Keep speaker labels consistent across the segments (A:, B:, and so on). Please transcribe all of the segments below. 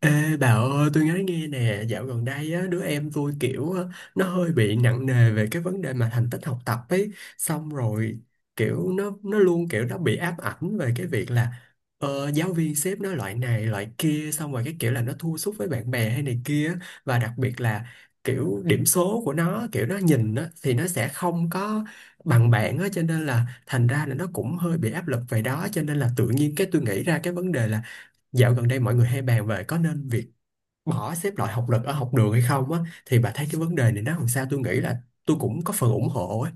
A: Ê bà ơi tôi nói nghe nè, dạo gần đây á, đứa em tôi kiểu á, nó hơi bị nặng nề về cái vấn đề mà thành tích học tập ấy. Xong rồi kiểu nó luôn kiểu nó bị ám ảnh về cái việc là giáo viên xếp nó loại này loại kia, xong rồi cái kiểu là nó thua sút với bạn bè hay này kia, và đặc biệt là kiểu điểm số của nó, kiểu nó nhìn á thì nó sẽ không có bằng bạn á, cho nên là thành ra là nó cũng hơi bị áp lực về đó. Cho nên là tự nhiên cái tôi nghĩ ra cái vấn đề là dạo gần đây mọi người hay bàn về có nên việc bỏ xếp loại học lực ở học đường hay không á, thì bà thấy cái vấn đề này nó làm sao? Tôi nghĩ là tôi cũng có phần ủng hộ ấy.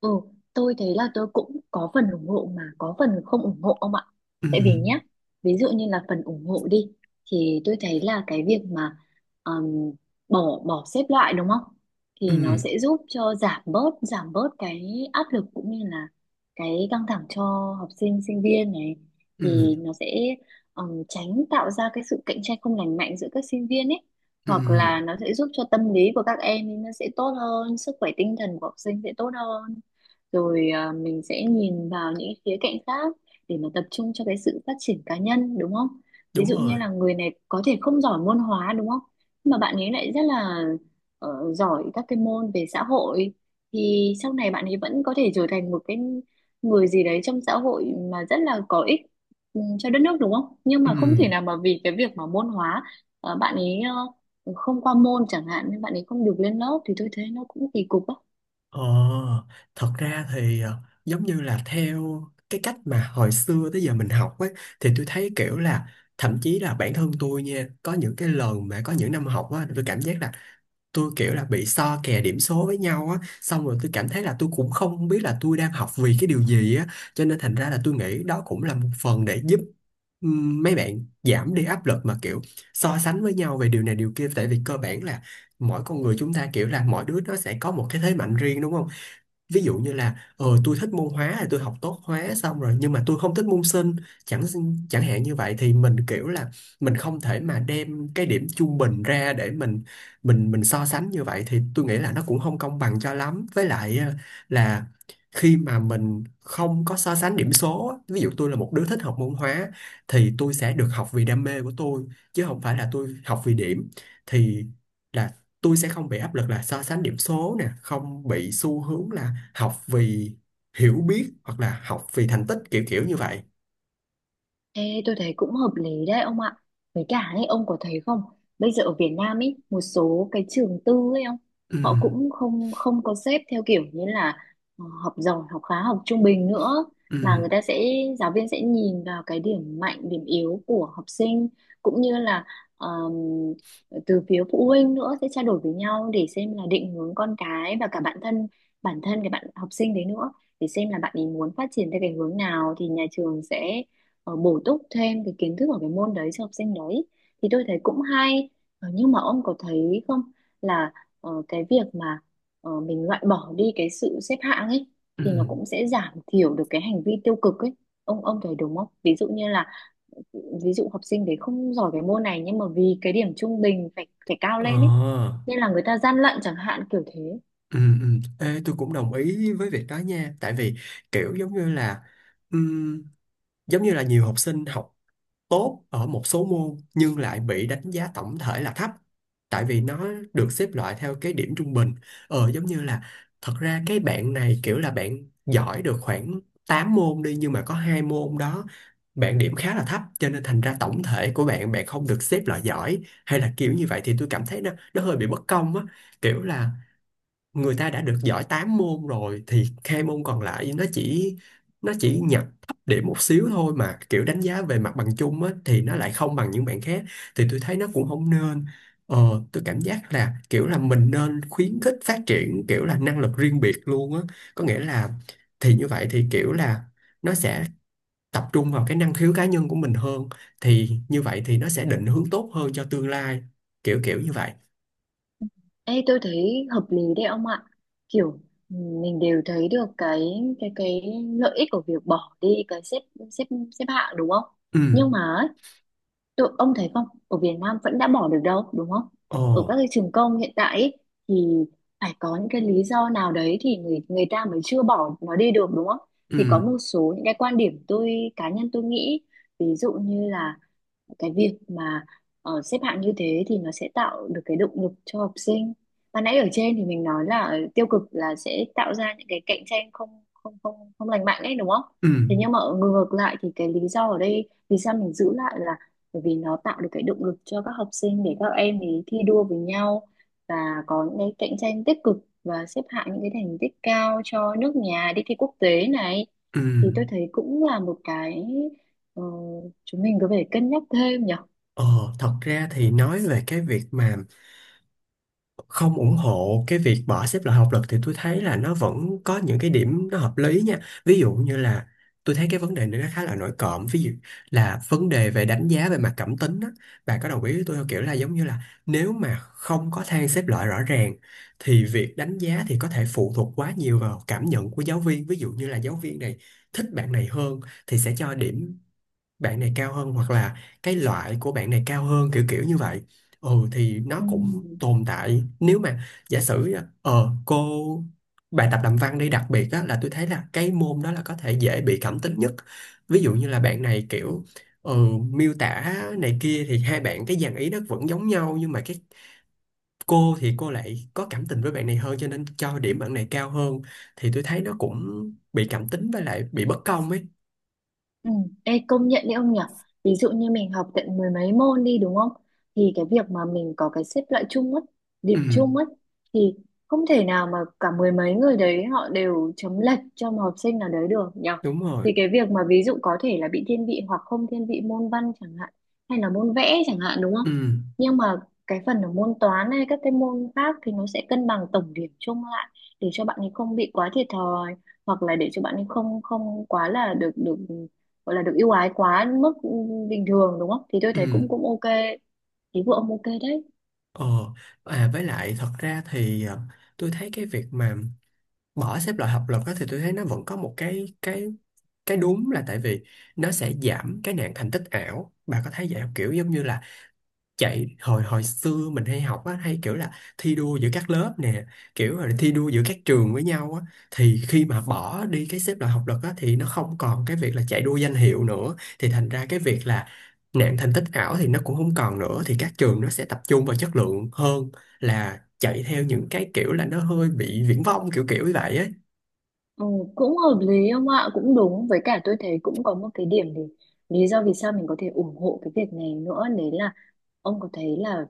B: Ừ, tôi thấy là tôi cũng có phần ủng hộ mà có phần không ủng hộ ông ạ.
A: Ừ,
B: Tại vì nhá, ví dụ như là phần ủng hộ đi thì tôi thấy là cái việc mà um, bỏ bỏ xếp loại đúng không?
A: ừ,
B: Thì nó sẽ giúp cho giảm bớt cái áp lực cũng như là cái căng thẳng cho học sinh sinh viên này
A: ừ,
B: thì nó sẽ tránh tạo ra cái sự cạnh tranh không lành mạnh giữa các sinh viên ấy,
A: ừ,
B: hoặc là nó sẽ giúp cho tâm lý của các em thì nó sẽ tốt hơn, sức khỏe tinh thần của học sinh sẽ tốt hơn rồi à, mình sẽ nhìn vào những khía cạnh khác để mà tập trung cho cái sự phát triển cá nhân đúng không? Ví
A: đúng
B: dụ như
A: rồi.
B: là người này có thể không giỏi môn hóa đúng không? Nhưng mà bạn ấy lại rất là giỏi các cái môn về xã hội thì sau này bạn ấy vẫn có thể trở thành một cái người gì đấy trong xã hội mà rất là có ích ừ, cho đất nước đúng không? Nhưng
A: Ừ,
B: mà không thể nào mà vì cái việc mà môn hóa bạn ấy không qua môn chẳng hạn nên bạn ấy không được lên lớp thì tôi thấy nó cũng kỳ cục á.
A: ờ, thật ra thì giống như là theo cái cách mà hồi xưa tới giờ mình học ấy, thì tôi thấy kiểu là thậm chí là bản thân tôi nha, có những cái lần mà có những năm học á, tôi cảm giác là tôi kiểu là bị so kè điểm số với nhau á, xong rồi tôi cảm thấy là tôi cũng không biết là tôi đang học vì cái điều gì á. Cho nên thành ra là tôi nghĩ đó cũng là một phần để giúp mấy bạn giảm đi áp lực mà kiểu so sánh với nhau về điều này điều kia. Tại vì cơ bản là mỗi con người chúng ta kiểu là mỗi đứa nó sẽ có một cái thế mạnh riêng, đúng không? Ví dụ như là tôi thích môn hóa thì tôi học tốt hóa, xong rồi nhưng mà tôi không thích môn sinh chẳng chẳng hạn như vậy, thì mình kiểu là mình không thể mà đem cái điểm trung bình ra để mình so sánh như vậy. Thì tôi nghĩ là nó cũng không công bằng cho lắm, với lại là khi mà mình không có so sánh điểm số á, ví dụ tôi là một đứa thích học môn hóa thì tôi sẽ được học vì đam mê của tôi, chứ không phải là tôi học vì điểm. Thì là tôi sẽ không bị áp lực là so sánh điểm số nè, không bị xu hướng là học vì hiểu biết hoặc là học vì thành tích kiểu kiểu như vậy.
B: Ê, tôi thấy cũng hợp lý đấy ông ạ. Với cả ấy, ông có thấy không? Bây giờ ở Việt Nam ấy, một số cái trường tư ấy ông,
A: Ừ,
B: họ cũng không không có xếp theo kiểu như là học giỏi, học khá, học trung bình nữa
A: ừ,
B: mà người ta sẽ giáo viên sẽ nhìn vào cái điểm mạnh, điểm yếu của học sinh cũng như là ờm, từ phía phụ huynh nữa sẽ trao đổi với nhau để xem là định hướng con cái và cả bản thân cái bạn học sinh đấy nữa, để xem là bạn ấy muốn phát triển theo cái hướng nào thì nhà trường sẽ bổ túc thêm cái kiến thức ở cái môn đấy cho học sinh đấy thì tôi thấy cũng hay. Ờ, nhưng mà ông có thấy không là cái việc mà mình loại bỏ đi cái sự xếp hạng ấy
A: ừ,
B: thì nó cũng sẽ giảm thiểu được cái hành vi tiêu cực ấy, ông thấy đúng không? Ví dụ như là, ví dụ học sinh đấy không giỏi cái môn này nhưng mà vì cái điểm trung bình phải phải cao lên ấy
A: ờ,
B: nên là người ta gian lận chẳng hạn kiểu thế.
A: ừ, ừ, ê, tôi cũng đồng ý với việc đó nha. Tại vì kiểu ừm, giống như là nhiều học sinh học tốt ở một số môn nhưng lại bị đánh giá tổng thể là thấp, tại vì nó được xếp loại theo cái điểm trung bình. Ờ, giống như là thật ra cái bạn này kiểu là bạn giỏi được khoảng 8 môn đi, nhưng mà có hai môn đó bạn điểm khá là thấp, cho nên thành ra tổng thể của bạn, bạn không được xếp loại giỏi hay là kiểu như vậy, thì tôi cảm thấy nó hơi bị bất công á. Kiểu là người ta đã được giỏi 8 môn rồi thì hai môn còn lại nó chỉ nhập thấp điểm một xíu thôi, mà kiểu đánh giá về mặt bằng chung á thì nó lại không bằng những bạn khác. Thì tôi thấy nó cũng không nên. Ờ, tôi cảm giác là kiểu là mình nên khuyến khích phát triển kiểu là năng lực riêng biệt luôn á, có nghĩa là thì như vậy thì kiểu là nó sẽ tập trung vào cái năng khiếu cá nhân của mình hơn, thì như vậy thì nó sẽ định hướng tốt hơn cho tương lai kiểu kiểu như vậy.
B: Ê, tôi thấy hợp lý đấy ông ạ. Kiểu ừ, mình đều thấy được cái lợi ích của việc bỏ đi cái xếp xếp xếp hạng đúng không?
A: Ừ,
B: Nhưng mà ấy, tôi ông thấy không, ở Việt Nam vẫn đã bỏ được đâu, đúng không? Ở các
A: ồ,
B: cái trường công hiện tại ấy, thì phải có những cái lý do nào đấy thì người người ta mới chưa bỏ nó đi được đúng không?
A: ừ,
B: Thì có một số những cái quan điểm tôi, cá nhân tôi nghĩ ví dụ như là cái việc mà xếp hạng như thế thì nó sẽ tạo được cái động lực cho học sinh, và nãy ở trên thì mình nói là tiêu cực là sẽ tạo ra những cái cạnh tranh không không không không lành mạnh ấy đúng không,
A: ừ,
B: thế nhưng mà ở ngược lại thì cái lý do ở đây vì sao mình giữ lại là bởi vì nó tạo được cái động lực cho các học sinh để các em ấy thi đua với nhau, và có những cái cạnh tranh tích cực và xếp hạng những cái thành tích cao cho nước nhà đi thi quốc tế này
A: ừ.
B: thì tôi thấy cũng là một cái, ờ, chúng mình có thể cân nhắc thêm nhỉ.
A: Ờ, thật ra thì nói về cái việc mà không ủng hộ cái việc bỏ xếp loại học lực, thì tôi thấy là nó vẫn có những cái điểm nó hợp lý nha. Ví dụ như là tôi thấy cái vấn đề này nó khá là nổi cộm. Ví dụ là vấn đề về đánh giá về mặt cảm tính á. Bà có đồng ý với tôi không? Kiểu là giống như là nếu mà không có thang xếp loại rõ ràng thì việc đánh giá thì có thể phụ thuộc quá nhiều vào cảm nhận của giáo viên. Ví dụ như là giáo viên này thích bạn này hơn thì sẽ cho điểm bạn này cao hơn, hoặc là cái loại của bạn này cao hơn kiểu kiểu như vậy. Ừ, thì nó cũng
B: Ừm,
A: tồn tại nếu mà giả sử cô bài tập làm văn đi, đặc biệt á là tôi thấy là cái môn đó là có thể dễ bị cảm tính nhất. Ví dụ như là bạn này kiểu ừ, miêu tả này kia, thì hai bạn cái dàn ý nó vẫn giống nhau nhưng mà cái cô thì cô lại có cảm tình với bạn này hơn cho nên cho điểm bạn này cao hơn, thì tôi thấy nó cũng bị cảm tính với lại bị bất công ấy.
B: Ừ. Ê, công nhận đấy ông nhỉ, ví dụ như mình học tận mười mấy môn đi đúng không thì cái việc mà mình có cái xếp loại chung á,
A: Ừ,
B: điểm chung á thì không thể nào mà cả mười mấy người đấy họ đều chấm lệch cho một học sinh nào đấy được nhỉ,
A: đúng rồi,
B: thì cái việc mà ví dụ có thể là bị thiên vị hoặc không thiên vị môn văn chẳng hạn hay là môn vẽ chẳng hạn đúng
A: ừ,
B: không, nhưng mà cái phần ở môn toán hay các cái môn khác thì nó sẽ cân bằng tổng điểm chung lại để cho bạn ấy không bị quá thiệt thòi, hoặc là để cho bạn ấy không không quá là được được gọi là được ưu ái quá mức bình thường đúng không thì tôi thấy
A: ừ.
B: cũng cũng ok. Ý của ông ok đấy.
A: Ờ, à, với lại thật ra thì à, tôi thấy cái việc mà bỏ xếp loại học lực á, thì tôi thấy nó vẫn có một cái đúng, là tại vì nó sẽ giảm cái nạn thành tích ảo. Bà có thấy vậy không? Kiểu giống như là chạy hồi hồi xưa mình hay học á, hay kiểu là thi đua giữa các lớp nè, kiểu là thi đua giữa các trường với nhau á, thì khi mà bỏ đi cái xếp loại học lực á thì nó không còn cái việc là chạy đua danh hiệu nữa, thì thành ra cái việc là nạn thành tích ảo thì nó cũng không còn nữa, thì các trường nó sẽ tập trung vào chất lượng hơn là chạy theo những cái kiểu là nó hơi bị viển vông kiểu kiểu như vậy ấy.
B: Ừ, cũng hợp lý ông ạ, cũng đúng, với cả tôi thấy cũng có một cái điểm để, lý do vì sao mình có thể ủng hộ cái việc này nữa đấy là, ông có thấy là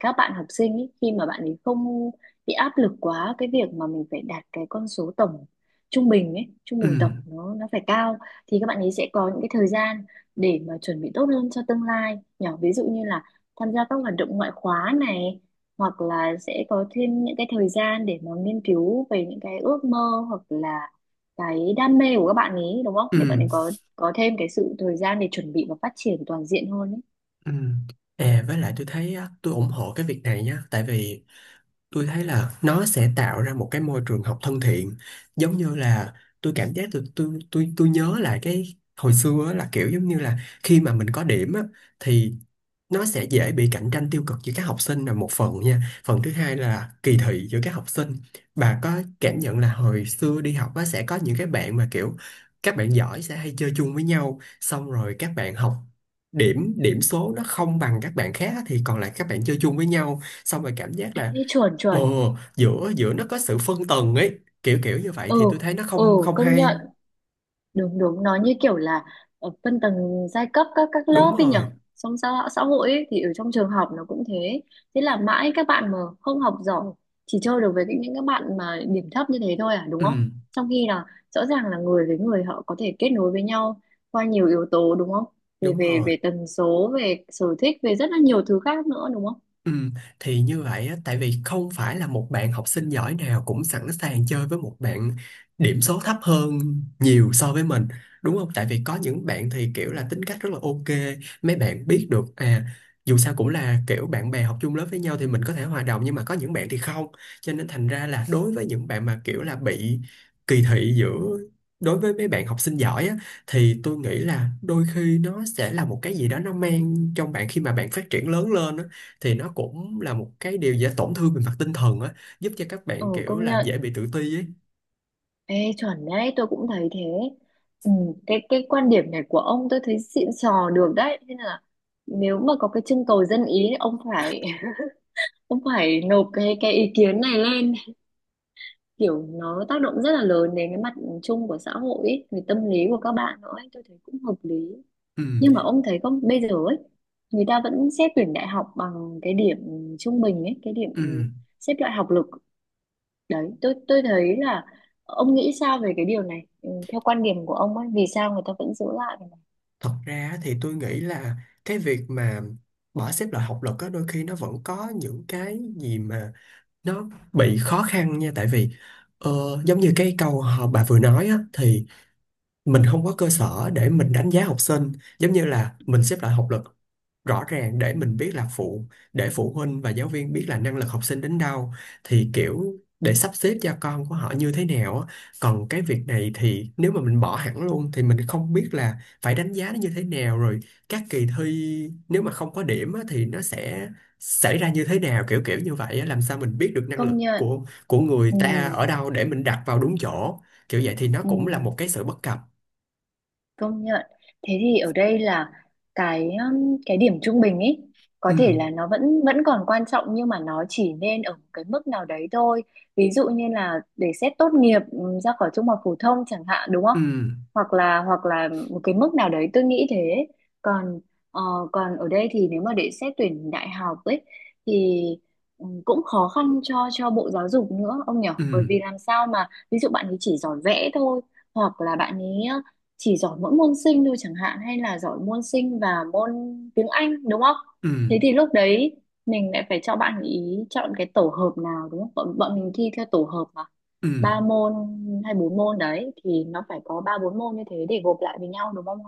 B: các bạn học sinh ý, khi mà bạn ấy không bị áp lực quá cái việc mà mình phải đạt cái con số tổng trung bình ấy, trung
A: Ừ,
B: bình tổng nó phải cao thì các bạn ấy sẽ có những cái thời gian để mà chuẩn bị tốt hơn cho tương lai nhỏ, ví dụ như là tham gia các hoạt động ngoại khóa này, hoặc là sẽ có thêm những cái thời gian để mà nghiên cứu về những cái ước mơ hoặc là cái đam mê của các bạn ấy đúng không, để bạn
A: ừ,
B: ấy có thêm cái sự thời gian để chuẩn bị và phát triển toàn diện hơn ấy.
A: ừ. À, với lại tôi thấy á, tôi ủng hộ cái việc này nhá. Tại vì tôi thấy là nó sẽ tạo ra một cái môi trường học thân thiện. Giống như là tôi cảm giác tôi nhớ lại cái hồi xưa á, là kiểu giống như là khi mà mình có điểm á, thì nó sẽ dễ bị cạnh tranh tiêu cực giữa các học sinh là một phần nha, phần thứ hai là kỳ thị giữa các học sinh. Bà có cảm nhận là hồi xưa đi học á, sẽ có những cái bạn mà kiểu các bạn giỏi sẽ hay chơi chung với nhau, xong rồi các bạn học điểm điểm số nó không bằng các bạn khác á, thì còn lại các bạn chơi chung với nhau, xong rồi cảm giác là
B: Thế chuẩn chuẩn,
A: ồ, giữa giữa nó có sự phân tầng ấy, kiểu kiểu như vậy thì
B: ừ,
A: tôi thấy nó không
B: ừ,
A: không
B: công
A: hay.
B: nhận, đúng đúng, nó như kiểu là ở phân tầng giai cấp các lớp
A: Đúng
B: ấy
A: rồi.
B: nhở, trong xã, xã hội ấy, thì ở trong trường học nó cũng thế, thế là mãi các bạn mà không học giỏi chỉ chơi được với những các bạn mà điểm thấp như thế thôi à đúng
A: Ừ,
B: không, trong khi là rõ ràng là người với người họ có thể kết nối với nhau qua nhiều yếu tố đúng không, về
A: đúng
B: về
A: rồi.
B: về tần số, về sở thích, về rất là nhiều thứ khác nữa đúng không,
A: Ừ, thì như vậy á, tại vì không phải là một bạn học sinh giỏi nào cũng sẵn sàng chơi với một bạn điểm số thấp hơn nhiều so với mình, đúng không? Tại vì có những bạn thì kiểu là tính cách rất là ok, mấy bạn biết được à, dù sao cũng là kiểu bạn bè học chung lớp với nhau thì mình có thể hòa đồng, nhưng mà có những bạn thì không. Cho nên thành ra là đối với những bạn mà kiểu là bị kỳ thị giữa đối với mấy bạn học sinh giỏi á, thì tôi nghĩ là đôi khi nó sẽ là một cái gì đó nó mang trong bạn khi mà bạn phát triển lớn lên á, thì nó cũng là một cái điều dễ tổn thương về mặt tinh thần á, giúp cho các bạn
B: ừ
A: kiểu
B: công
A: là
B: nhận.
A: dễ bị tự ti ấy.
B: Ê, chuẩn đấy, tôi cũng thấy thế. Ừ, cái quan điểm này của ông tôi thấy xịn sò được đấy. Thế là nếu mà có cái trưng cầu dân ý thì ông phải ông phải nộp cái ý kiến này lên, kiểu nó tác động rất là lớn đến cái mặt chung của xã hội ấy, về tâm lý của các bạn nữa ấy, tôi thấy cũng hợp lý.
A: Ừ,
B: Nhưng mà ông thấy không bây giờ ấy, người ta vẫn xét tuyển đại học bằng cái điểm trung bình ấy, cái điểm
A: ừ.
B: xếp loại học lực đấy, tôi thấy là ông nghĩ sao về cái điều này, ừ, theo quan điểm của ông ấy vì sao người ta vẫn giữ lại cái này?
A: Thật ra á, thì tôi nghĩ là cái việc mà bỏ xếp loại học lực á đôi khi nó vẫn có những cái gì mà nó bị khó khăn nha. Tại vì ờ, giống như cái câu họ bà vừa nói á, thì mình không có cơ sở để mình đánh giá học sinh, giống như là mình xếp loại học lực rõ ràng để mình biết là phụ, để phụ huynh và giáo viên biết là năng lực học sinh đến đâu thì kiểu để sắp xếp cho con của họ như thế nào á. Còn cái việc này thì nếu mà mình bỏ hẳn luôn thì mình không biết là phải đánh giá nó như thế nào rồi, các kỳ thi nếu mà không có điểm á, thì nó sẽ xảy ra như thế nào kiểu kiểu như vậy á. Làm sao mình biết được năng
B: Công
A: lực
B: nhận,
A: của người
B: ừ,
A: ta ở đâu để mình đặt vào đúng chỗ kiểu vậy? Thì nó
B: ừ.
A: cũng là một cái sự bất cập.
B: Công nhận. Thế thì ở đây là cái điểm trung bình ấy có
A: Ừ,
B: thể là nó vẫn vẫn còn quan trọng nhưng mà nó chỉ nên ở cái mức nào đấy thôi. Ví dụ như là để xét tốt nghiệp ra khỏi trung học phổ thông chẳng hạn đúng không?
A: ừ,
B: Hoặc là một cái mức nào đấy tôi nghĩ thế. Còn ờ, còn ở đây thì nếu mà để xét tuyển đại học ấy thì cũng khó khăn cho Bộ Giáo dục nữa ông nhỉ?
A: ừ,
B: Bởi vì làm sao mà ví dụ bạn ấy chỉ giỏi vẽ thôi, hoặc là bạn ấy chỉ giỏi mỗi môn sinh thôi chẳng hạn, hay là giỏi môn sinh và môn tiếng Anh đúng không?
A: ừ,
B: Thế thì lúc đấy mình lại phải cho bạn ý chọn cái tổ hợp nào đúng không? Bọn mình thi theo tổ hợp mà
A: ừ.
B: ba môn hay bốn môn đấy thì nó phải có ba bốn môn như thế để gộp lại với nhau đúng không?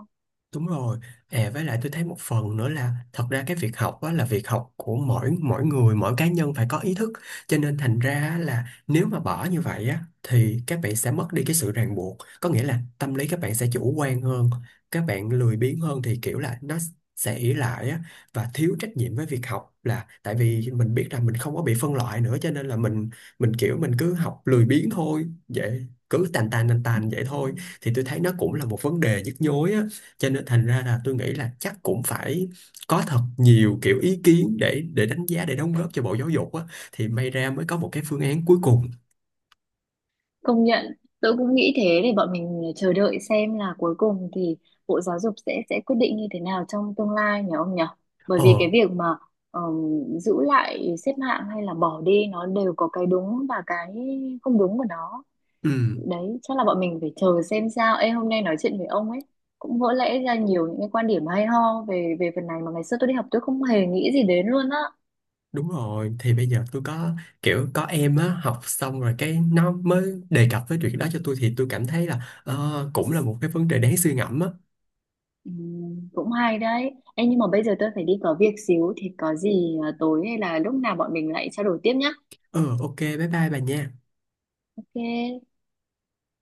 A: Đúng rồi. À, với lại tôi thấy một phần nữa là thật ra cái việc học á, là việc học của mỗi mỗi người, mỗi cá nhân phải có ý thức. Cho nên thành ra á là nếu mà bỏ như vậy á thì các bạn sẽ mất đi cái sự ràng buộc. Có nghĩa là tâm lý các bạn sẽ chủ quan hơn, các bạn lười biếng hơn, thì kiểu là nó sẽ ỷ lại á, và thiếu trách nhiệm với việc học, là tại vì mình biết rằng mình không có bị phân loại nữa, cho nên là mình kiểu mình cứ học lười biếng thôi. Vậy cứ tàn tàn tàn tàn vậy thôi, thì tôi thấy nó cũng là một vấn đề nhức nhối á. Cho nên thành ra là tôi nghĩ là chắc cũng phải có thật nhiều kiểu ý kiến để đánh giá, để đóng góp cho Bộ Giáo dục á, thì may ra mới có một cái phương án cuối cùng.
B: Công nhận, tôi cũng nghĩ thế, để bọn mình chờ đợi xem là cuối cùng thì Bộ Giáo dục sẽ quyết định như thế nào trong tương lai nhỉ ông nhỉ? Bởi vì cái
A: Ờ,
B: việc mà ờm, giữ lại xếp hạng hay là bỏ đi nó đều có cái đúng và cái không đúng của nó.
A: ừ,
B: Đấy, chắc là bọn mình phải chờ xem sao. Ê, hôm nay nói chuyện với ông ấy cũng vỡ lẽ ra nhiều những cái quan điểm hay ho về về phần này mà ngày xưa tôi đi học tôi không hề nghĩ gì đến luôn á.
A: đúng rồi. Thì bây giờ tôi có kiểu có em á, học xong rồi cái nó mới đề cập với chuyện đó cho tôi, thì tôi cảm thấy là ờ, cũng là một cái vấn đề đáng suy ngẫm á.
B: Ừ, cũng hay đấy. Ê, nhưng mà bây giờ tôi phải đi có việc xíu thì có gì à, tối hay là lúc nào bọn mình lại trao đổi tiếp nhá.
A: Ừ, ok, bye bye bà nha.
B: Ok,